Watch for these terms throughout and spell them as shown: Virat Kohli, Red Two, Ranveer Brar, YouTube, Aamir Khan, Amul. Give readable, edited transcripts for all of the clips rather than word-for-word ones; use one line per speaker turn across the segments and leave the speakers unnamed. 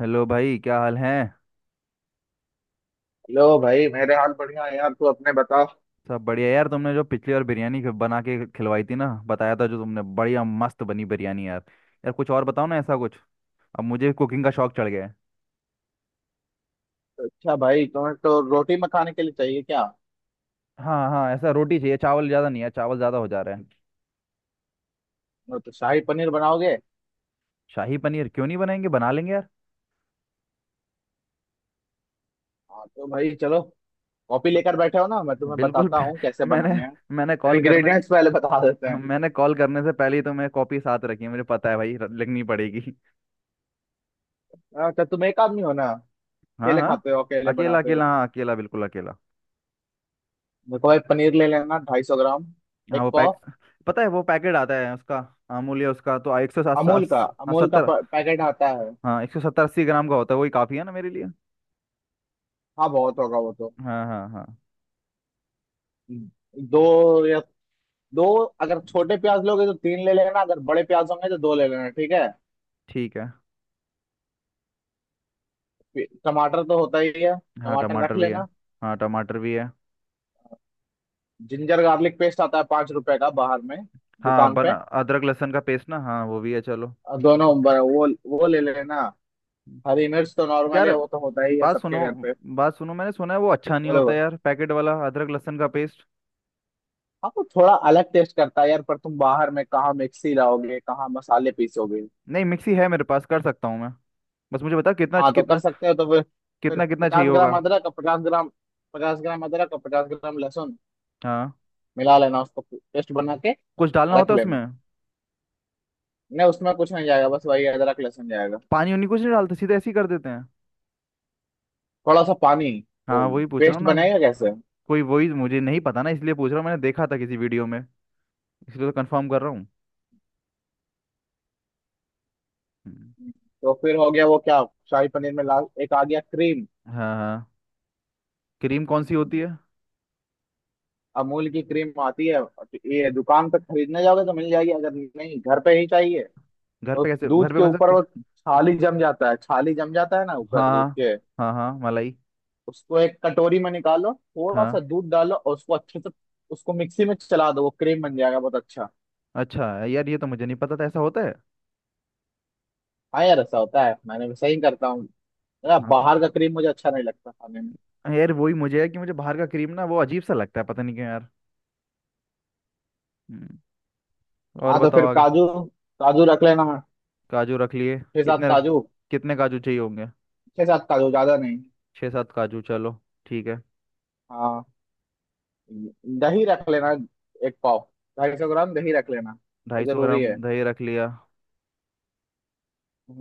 Hello भाई, क्या हाल है?
लो भाई मेरे हाल बढ़िया है यार, तू अपने बता।
सब बढ़िया यार। तुमने जो पिछली बार बिरयानी बना के खिलवाई थी ना, बताया था जो तुमने, बढ़िया मस्त बनी बिरयानी यार। यार कुछ और बताओ ना ऐसा कुछ। अब मुझे कुकिंग का शौक चढ़ गया है।
अच्छा भाई तुम्हें तो रोटी में खाने के लिए चाहिए क्या?
हाँ, हाँ, ऐसा रोटी चाहिए। चावल ज़्यादा नहीं है, चावल ज़्यादा हो जा रहे हैं।
और तो शाही पनीर बनाओगे।
शाही पनीर क्यों नहीं बनाएंगे, बना लेंगे यार।
हाँ तो भाई चलो। कॉपी
ब-
लेकर बैठे हो ना, मैं तुम्हें
बिल्कुल।
बताता हूँ कैसे
मैंने
बनाने
मैंने
हैं।
कॉल करने
इंग्रेडिएंट्स पहले बता देते हैं।
मैंने कॉल करने से पहले ही तो मैं कॉपी साथ रखी है, मुझे पता है भाई लिखनी पड़ेगी।
अच्छा तुम एक आदमी हो ना।
हाँ,
अकेले
हाँ,
खाते हो, अकेले
अकेला
बनाते हो।
अकेला, हाँ, अकेला बिल्कुल अकेला।
देखो भाई, पनीर ले लेना 250 ग्राम।
हाँ,
एक
वो पैक
पाव।
पता है वो पैकेट आता है उसका। अमूल्य, उसका तो 107।
अमूल का
हाँ,
अमूल का
70।
प- पैकेट आता है।
हाँ, 170 80 ग्राम का होता है, वही काफ़ी है ना मेरे लिए।
हाँ बहुत होगा वो तो।
हाँ, हाँ, हाँ।
हम्म, दो या दो, अगर छोटे प्याज लोगे तो तीन ले लेना, अगर बड़े प्याज होंगे तो दो ले लेना, ठीक है।
ठीक है।
टमाटर तो होता ही है।
हाँ,
टमाटर
टमाटर
रख
भी है।
लेना।
हाँ, टमाटर भी है।
जिंजर गार्लिक पेस्ट आता है 5 रुपए का बाहर में
हाँ,
दुकान
बना।
पे।
अदरक लहसुन का पेस्ट ना, हाँ, वो भी है, चलो।
और दोनों वो ले लेना। हरी मिर्च तो नॉर्मल है,
यार,
वो तो होता ही है
बात
सबके
सुनो,
घर पे।
बात सुनो, मैंने सुना है वो अच्छा नहीं
बोले
होता
वो,
यार, पैकेट वाला अदरक लहसुन का पेस्ट।
हाँ वो थोड़ा अलग टेस्ट करता है यार, पर तुम बाहर में कहाँ मिक्सी लाओगे, कहाँ मसाले पीसोगे?
नहीं, मिक्सी है मेरे पास, कर सकता हूँ मैं। बस मुझे बता कितना
हाँ तो कर
कितना।
सकते हो तो फिर। फिर
कितना कितना चाहिए
पचास
होगा?
ग्राम अदरक और पचास ग्राम पचास ग्राम अदरक और पचास ग्राम लहसुन।
हाँ।
मिला लेना उसको, पेस्ट बना के
कुछ डालना
रख
होता है उसमें?
लेना। नहीं, उसमें कुछ नहीं जाएगा, बस वही अदरक लहसुन जाएगा।
पानी उनी कुछ नहीं डालते, सीधे ऐसे ही कर देते हैं?
थोड़ा सा पानी। वो
हाँ, वही पूछ रहा हूँ
पेस्ट
ना।
बनेगा कैसे?
कोई वही मुझे नहीं पता ना, इसलिए पूछ रहा हूँ, मैंने देखा था किसी वीडियो में। इसलिए तो कंफर्म कर रहा हूँ। हम्म।
तो फिर हो गया वो, क्या? शाही पनीर में ला एक आ गया क्रीम।
हाँ, हाँ। क्रीम कौन सी होती है?
अमूल की क्रीम आती है। ये दुकान पे खरीदने जाओगे तो मिल जाएगी, अगर नहीं घर पे ही चाहिए।
घर
तो
पे कैसे,
दूध
घर पे
के
बन
ऊपर
सकती है?
वो छाली जम जाता है, ना ऊपर
हाँ,
दूध के।
हाँ, हाँ, हाँ, मलाई।
उसको एक कटोरी में निकालो, थोड़ा
हाँ।
सा दूध डालो और उसको अच्छे से उसको मिक्सी में चला दो, वो क्रीम बन जाएगा, बहुत अच्छा।
अच्छा यार, ये तो मुझे नहीं पता था ऐसा होता है।
हाँ यार ऐसा होता है, मैंने भी सही करता हूँ। यार,
हाँ तो,
बाहर का क्रीम मुझे अच्छा नहीं लगता खाने में।
यार वही मुझे है कि मुझे बाहर का क्रीम ना, वो अजीब सा लगता है, पता नहीं क्यों यार। हम्म, और
हाँ तो
बताओ
फिर
आगे।
काजू। काजू रख लेना।
काजू रख लिए।
छह सात
कितने?
काजू।
कितने काजू चाहिए होंगे?
छह सात काजू, ज्यादा नहीं।
छः सात काजू, चलो। ठीक है।
हाँ। दही रख लेना, एक पाव, 250 ग्राम दही रख लेना। वो
ढाई सौ
जरूरी
ग्राम
है।
दही रख लिया।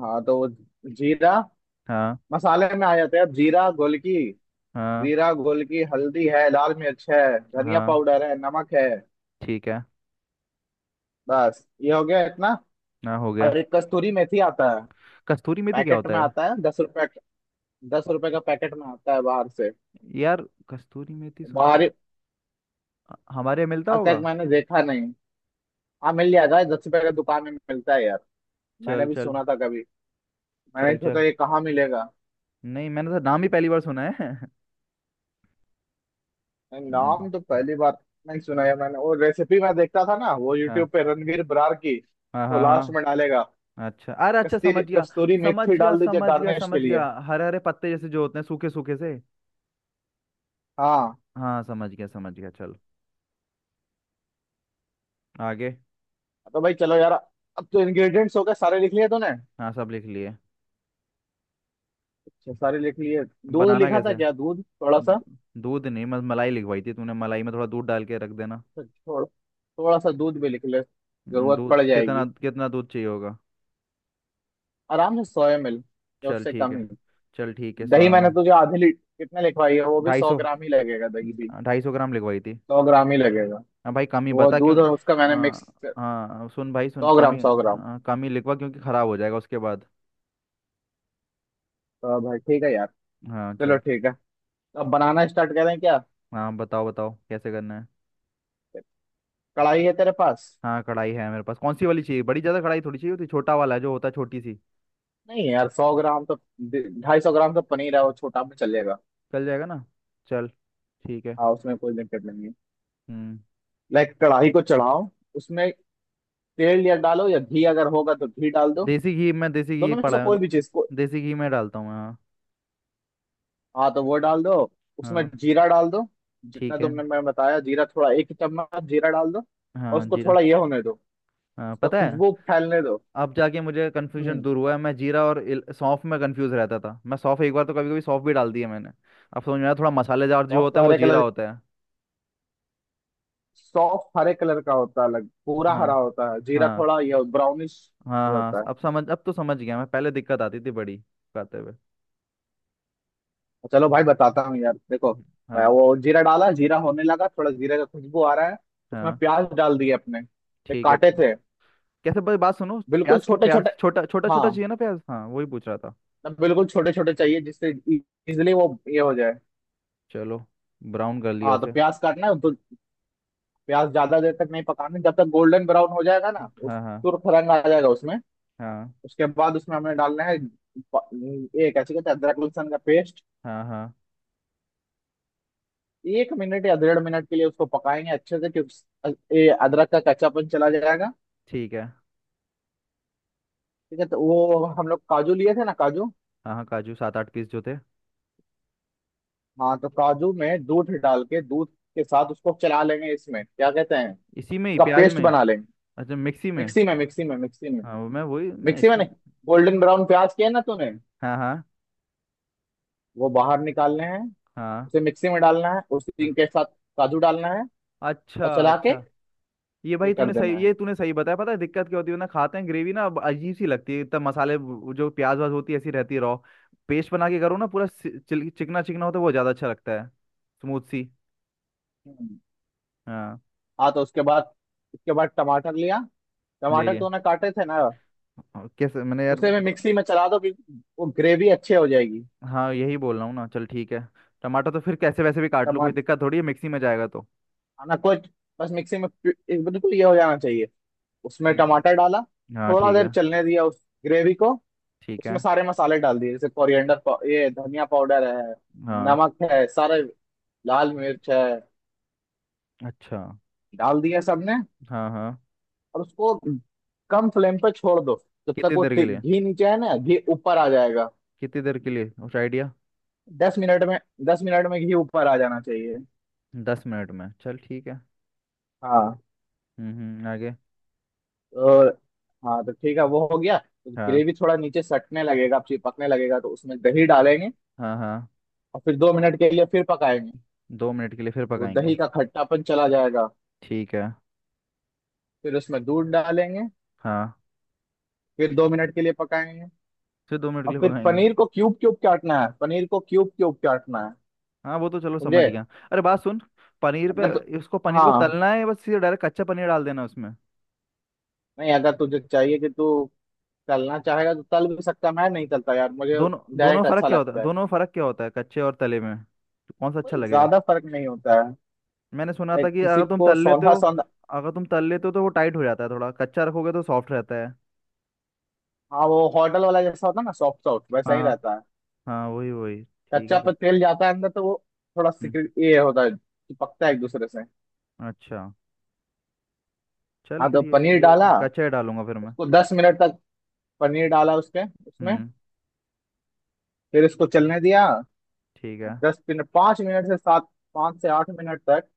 हाँ तो वो जीरा
हाँ,
मसाले में आ जाते हैं, अब जीरा गोलकी।
हाँ,
जीरा गोलकी, हल्दी है, लाल मिर्च है, धनिया
हाँ।
पाउडर है, नमक है।
ठीक है।
बस ये हो गया इतना।
ना, हो गया।
और एक कस्तूरी मेथी आता है।
कस्तूरी मेथी क्या
पैकेट
होता
में
है?
आता है 10 रुपए। दस रुपए का पैकेट में आता है बाहर से।
यार, कस्तूरी मेथी सुना?
बाहर,
हमारे यहाँ मिलता
आज
होगा।
तक मैंने देखा नहीं। हाँ मिल जाएगा, 10 रुपए का दुकान में मिलता है यार। मैंने
चल,
भी
चल।
सुना था कभी। मैंने
चल,
सोचा
चल।
ये कहाँ मिलेगा।
नहीं, मैंने तो नाम ही पहली बार सुना है।
मैंने
हम्म।
नाम तो पहली बार नहीं सुना है मैंने। और रेसिपी मैं देखता था ना वो,
हाँ,
यूट्यूब पे, रणवीर बरार की।
हाँ,
तो
हाँ,
लास्ट में
हाँ।
डालेगा।
अच्छा, अरे, अच्छा, समझ
कस्तूरी
गया।
कस्तूरी
समझ
मेथी
गया,
डाल दीजिए
समझ गया,
गार्निश
समझ
के लिए।
गया, हरे हरे पत्ते जैसे जो होते हैं, सूखे सूखे से।
हाँ
हाँ, समझ गया, समझ गया, चल। आगे।
तो भाई चलो यार। अब तो इंग्रेडिएंट्स हो गए, सारे लिख लिए तूने?
हाँ, सब लिख लिए।
अच्छा सारे लिख लिए। दूध
बनाना
लिखा था
कैसे?
क्या? दूध थोड़ा सा,
दू- दूध नहीं, मत मलाई लिखवाई थी तूने, मलाई में थोड़ा दूध डाल के रख देना।
थोड़ा थोड़ा सा दूध भी लिख ले। जरूरत पड़
दूध कितना
जाएगी।
कितना दूध चाहिए होगा?
आराम से 100 ml या
चल,
उससे
ठीक
कम ही।
है। चल, ठीक है
दही मैंने
सोयामन।
तुझे आधे लीटर कितने लिखवाई है, वो भी
ढाई
सौ
सौ
ग्राम ही लगेगा, दही भी
250 ग्राम लिखवाई थी।
100 ग्राम ही लगेगा।
हाँ भाई, कमी
वो
बता क्यों।
दूध और उसका मैंने मिक्स
हाँ,
कर,
हाँ, सुन भाई सुन,
सौ ग्राम
कमी,
सौ ग्राम
हाँ, कमी लिखवा, क्योंकि ख़राब हो जाएगा उसके बाद।
तो भाई ठीक है यार।
हाँ,
चलो
चल।
ठीक है। अब बनाना स्टार्ट करें क्या?
हाँ, बताओ बताओ कैसे करना है।
कढ़ाई है तेरे पास?
हाँ, कढ़ाई है मेरे पास। कौन सी वाली चाहिए? बड़ी ज़्यादा कढ़ाई थोड़ी चाहिए होती, छोटा वाला है जो होता है छोटी सी।
नहीं यार 100 ग्राम तो, 250 ग्राम तो पनीर है, वो छोटा भी चलेगा।
चल जाएगा ना? चल। ठीक है।
हाँ उसमें कोई दिक्कत नहीं है।
हम्म
लाइक कढ़ाई को चढ़ाओ। उसमें तेल या डालो या घी, अगर होगा तो घी डाल दो।
देसी घी
दोनों में से
पड़ा है।
कोई भी चीज को।
देसी घी मैं डालता हूँ, हाँ।
हाँ तो वो डाल दो, उसमें
हाँ,
जीरा डाल दो। जितना
ठीक है।
तुमने मैं बताया, जीरा थोड़ा, एक चम्मच जीरा डाल दो। और
हाँ,
उसको
जीरा।
थोड़ा ये होने दो।
हाँ,
उसका
पता है।
खुशबू फैलने दो।
अब जाके मुझे कन्फ्यूजन
हम्म।
दूर हुआ है, मैं जीरा और सौंफ में कंफ्यूज रहता था, मैं सौंफ एक बार तो, कभी कभी सौंफ भी डाल दी है मैंने। अब समझ में आया, थोड़ा मसालेदार जो
सॉस
होता
तो
है वो
हरे
जीरा
कलर,
होता है।
सॉफ्ट हरे कलर का होता है अलग, पूरा
हाँ,
हरा होता है, जीरा
हाँ,
थोड़ा ये ब्राउनिश।
हाँ,
ये
हाँ,
होता है।
अब तो समझ गया। मैं पहले दिक्कत आती थी बड़ी खाते हुए।
चलो भाई बताता हूँ यार, देखो। मैं
हाँ,
वो जीरा डाला, जीरा होने लगा थोड़ा, जीरे का खुशबू आ रहा है। उसमें
हाँ,
प्याज डाल दिए, अपने ये
ठीक है।
काटे थे
कैसे भाई, बात सुनो।
बिल्कुल छोटे
प्याज
छोटे।
छोटा छोटा छोटा
हाँ
चाहिए ना प्याज? हाँ, वही पूछ रहा था।
बिल्कुल छोटे छोटे चाहिए, जिससे इजिली वो ये हो जाए।
चलो। ब्राउन कर लिया
हाँ तो
उसे।
प्याज काटना है तो, प्याज ज्यादा देर तक नहीं पकाना, जब तक गोल्डन ब्राउन हो जाएगा ना, उस
हाँ, हाँ,
तुरफ रंग आ जाएगा उसमें।
हाँ।
उसके बाद उसमें हमने डालना है ये कैसे कहते हैं, अदरक लहसुन का पेस्ट।
हाँ, हाँ,
1 मिनट या 1.5 मिनट के लिए उसको पकाएंगे अच्छे से, क्योंकि अ- ये अदरक का कच्चापन चला जाएगा।
ठीक है।
ठीक है। तो वो हम लोग काजू लिए थे ना, काजू।
हाँ, हाँ, काजू सात आठ पीस जो थे।
हाँ तो काजू में दूध डाल के, दूध के साथ उसको चला लेंगे, इसमें क्या कहते हैं,
इसी में ही,
उसका
प्याज
पेस्ट
में?
बना लेंगे।
अच्छा, मिक्सी में?
मिक्सी में, मिक्सी में, मिक्सी में।
हाँ, वो मैं वही मैं
मिक्सी में
इसमें।
नहीं, गोल्डन ब्राउन प्याज किए ना तूने,
हाँ, हाँ,
वो बाहर निकालने हैं।
हाँ,
उसे मिक्सी में डालना है,
हाँ।
उसी के साथ काजू डालना है
अच्छा,
और चला के
अच्छा।
ये कर देना है।
ये तूने सही बताया। पता है दिक्कत क्या होती है ना, खाते हैं ग्रेवी ना, अब अजीब सी लगती है, इतना मसाले, वो जो प्याज वाज होती है ऐसी रहती है, रॉ। पेस्ट बना के करो ना, पूरा चिकना चिकना होता है, वो ज़्यादा अच्छा लगता है। स्मूथ सी।
हम्म।
हाँ।
हाँ तो उसके बाद, टमाटर लिया,
ले
टमाटर
लिया।
तूने काटे थे ना?
और कैसे मैंने यार
उसे मैं
ब-
मिक्सी में चला दो कि वो ग्रेवी अच्छे हो जाएगी।
हाँ, यही बोल रहा हूँ ना, चल, ठीक है। टमाटर तो फिर कैसे वैसे भी काट लूँ, कोई
टमाटर
दिक्कत थोड़ी है, मिक्सी में जाएगा तो।
खाना को, बस मिक्सी में एक बिल्कुल ये हो जाना चाहिए। उसमें टमाटर
हम्म।
डाला,
हाँ,
थोड़ा
ठीक
देर
है,
चलने दिया उस ग्रेवी को।
ठीक
उसमें
है।
सारे मसाले डाल दिए, जैसे कोरिएंडर ये धनिया पाउडर है,
हाँ।
नमक है सारे, लाल मिर्च है,
अच्छा।
डाल दिया सबने।
हाँ, हाँ।
और उसको कम फ्लेम पे छोड़ दो, जब तक
कितनी
वो
देर के लिए
घी नीचे है ना, घी ऊपर आ जाएगा।
कितनी देर के लिए उस आइडिया?
10 मिनट में, 10 मिनट में घी ऊपर आ जाना चाहिए।
10 मिनट में। चल, ठीक है।
हाँ
हम्म। आगे।
तो, हाँ तो ठीक है वो हो गया, तो
हाँ।
ग्रेवी थोड़ा नीचे सटने लगेगा, चिपकने लगेगा तो उसमें दही डालेंगे।
हाँ, हाँ।
और फिर 2 मिनट के लिए फिर पकाएंगे।
दो मिनट के लिए फिर
तो
पकाएंगे।
दही का खट्टापन चला जाएगा।
ठीक है।
फिर उसमें दूध डालेंगे।
हाँ।
फिर दो मिनट के लिए पकाएंगे।
फिर 2 मिनट के
और
लिए
फिर
पकाएंगे।
पनीर को क्यूब क्यूब काटना है,
हाँ, वो तो चलो समझ
समझे?
गया। अरे, बात सुन। पनीर पे,
अगर तो,
इसको पनीर को
हाँ,
तलना है या बस सीधे डायरेक्ट कच्चा पनीर डाल देना उसमें?
नहीं अगर तुझे चाहिए कि तू तलना चाहेगा तो तल भी सकता है, मैं नहीं तलता यार, मुझे
दोनों दोनों में
डायरेक्ट
फर्क
अच्छा
क्या होता है
लगता है।
दोनों में फर्क क्या होता है, कच्चे और तले में? तो कौन सा अच्छा
कोई
लगेगा?
ज्यादा फर्क नहीं होता है।
मैंने सुना था
लाइक
कि
किसी
अगर तुम
को
तल लेते
सौंधा
हो
सौंधा।
अगर तुम तल लेते हो तो वो टाइट हो जाता है, थोड़ा कच्चा रखोगे तो सॉफ्ट रहता है।
हाँ वो होटल वाला जैसा होता है ना, सॉफ्ट सॉफ्ट वैसा
हाँ,
ही
हाँ।
रहता है।
हाँ, वही वही, ठीक है
कच्चा
फिर।
पर तेल जाता है अंदर तो वो थोड़ा
हम्म,
सिक्रेट ये होता है, चिपकता है एक दूसरे से।
अच्छा। चल
हाँ
फिर
तो
ये
पनीर
ये
डाला।
कच्चा ही डालूंगा फिर मैं।
उसको 10 मिनट तक, पनीर डाला उसके, उसमें
हम्म,
फिर इसको चलने दिया।
ठीक है।
10 मिनट, 5 मिनट से सात, पाँच से 8 मिनट तक,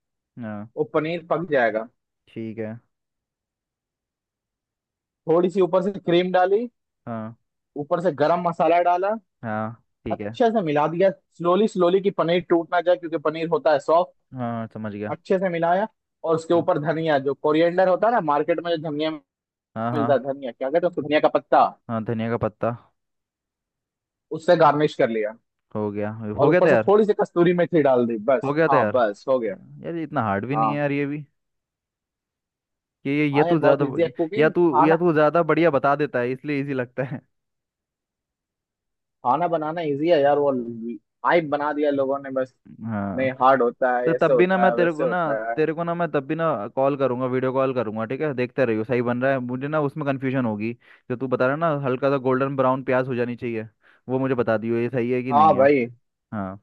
हाँ,
वो पनीर पक जाएगा।
ठीक है।
थोड़ी सी ऊपर से क्रीम डाली।
हाँ,
ऊपर से गरम मसाला डाला।
हाँ, ठीक है।
अच्छे से मिला दिया, स्लोली स्लोली कि पनीर टूट ना जाए, क्योंकि पनीर होता है सॉफ्ट।
हाँ, समझ गया।
अच्छे से मिलाया। और उसके
हाँ,
ऊपर धनिया, जो कोरिएंडर होता है ना, मार्केट में जो धनिया
हाँ, हाँ।
मिलता है धनिया, क्या कहते हैं उसको, धनिया का पत्ता।
हाँ, धनिया का पत्ता।
उससे गार्निश कर लिया।
हो गया। हो
और
गया
ऊपर से
तैयार।
थोड़ी सी कस्तूरी मेथी डाल दी,
हो
बस
गया
हाँ
तैयार।
बस हो गया।
यार, ये इतना हार्ड भी नहीं है
हाँ।
यार, ये भी ये
हाँ
तू
यार बहुत
ज़्यादा।
इजी है
या
कुकिंग
तू या
खाना,
तू ज़्यादा बढ़िया बता देता है, इसलिए इजी लगता है।
खाना बनाना इजी है यार, वो हाइप बना दिया लोगों ने बस।
हाँ।
नहीं हार्ड होता है,
तो तब
ऐसे
भी ना
होता
मैं
है, वैसे होता है।
तेरे को ना मैं तब भी ना कॉल करूंगा, वीडियो कॉल करूंगा, ठीक है? देखते रहियो सही बन रहा है, मुझे ना उसमें कन्फ्यूजन होगी। जो तू बता रहा है ना, हल्का सा गोल्डन ब्राउन प्याज हो जानी चाहिए। वो मुझे बता दियो, ये सही है कि
हाँ
नहीं है।
भाई।
हाँ।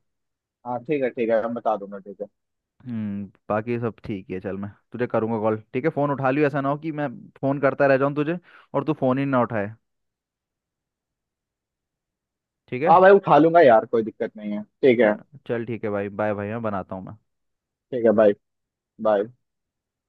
हाँ ठीक है, ठीक है, मैं बता दूंगा, ठीक है।
बाकी सब ठीक है, चल, मैं तुझे करूंगा कॉल, ठीक है? फ़ोन उठा लियो, ऐसा ना हो कि मैं फ़ोन करता रह जाऊँ तुझे, और तू फ़ोन ही ना उठाए। ठीक है।
हाँ भाई उठा लूंगा यार, कोई दिक्कत नहीं है, ठीक है।
चल। चल, ठीक है भाई, बाय भाई, मैं बनाता हूँ मैं।
ठीक है बाय। बाय।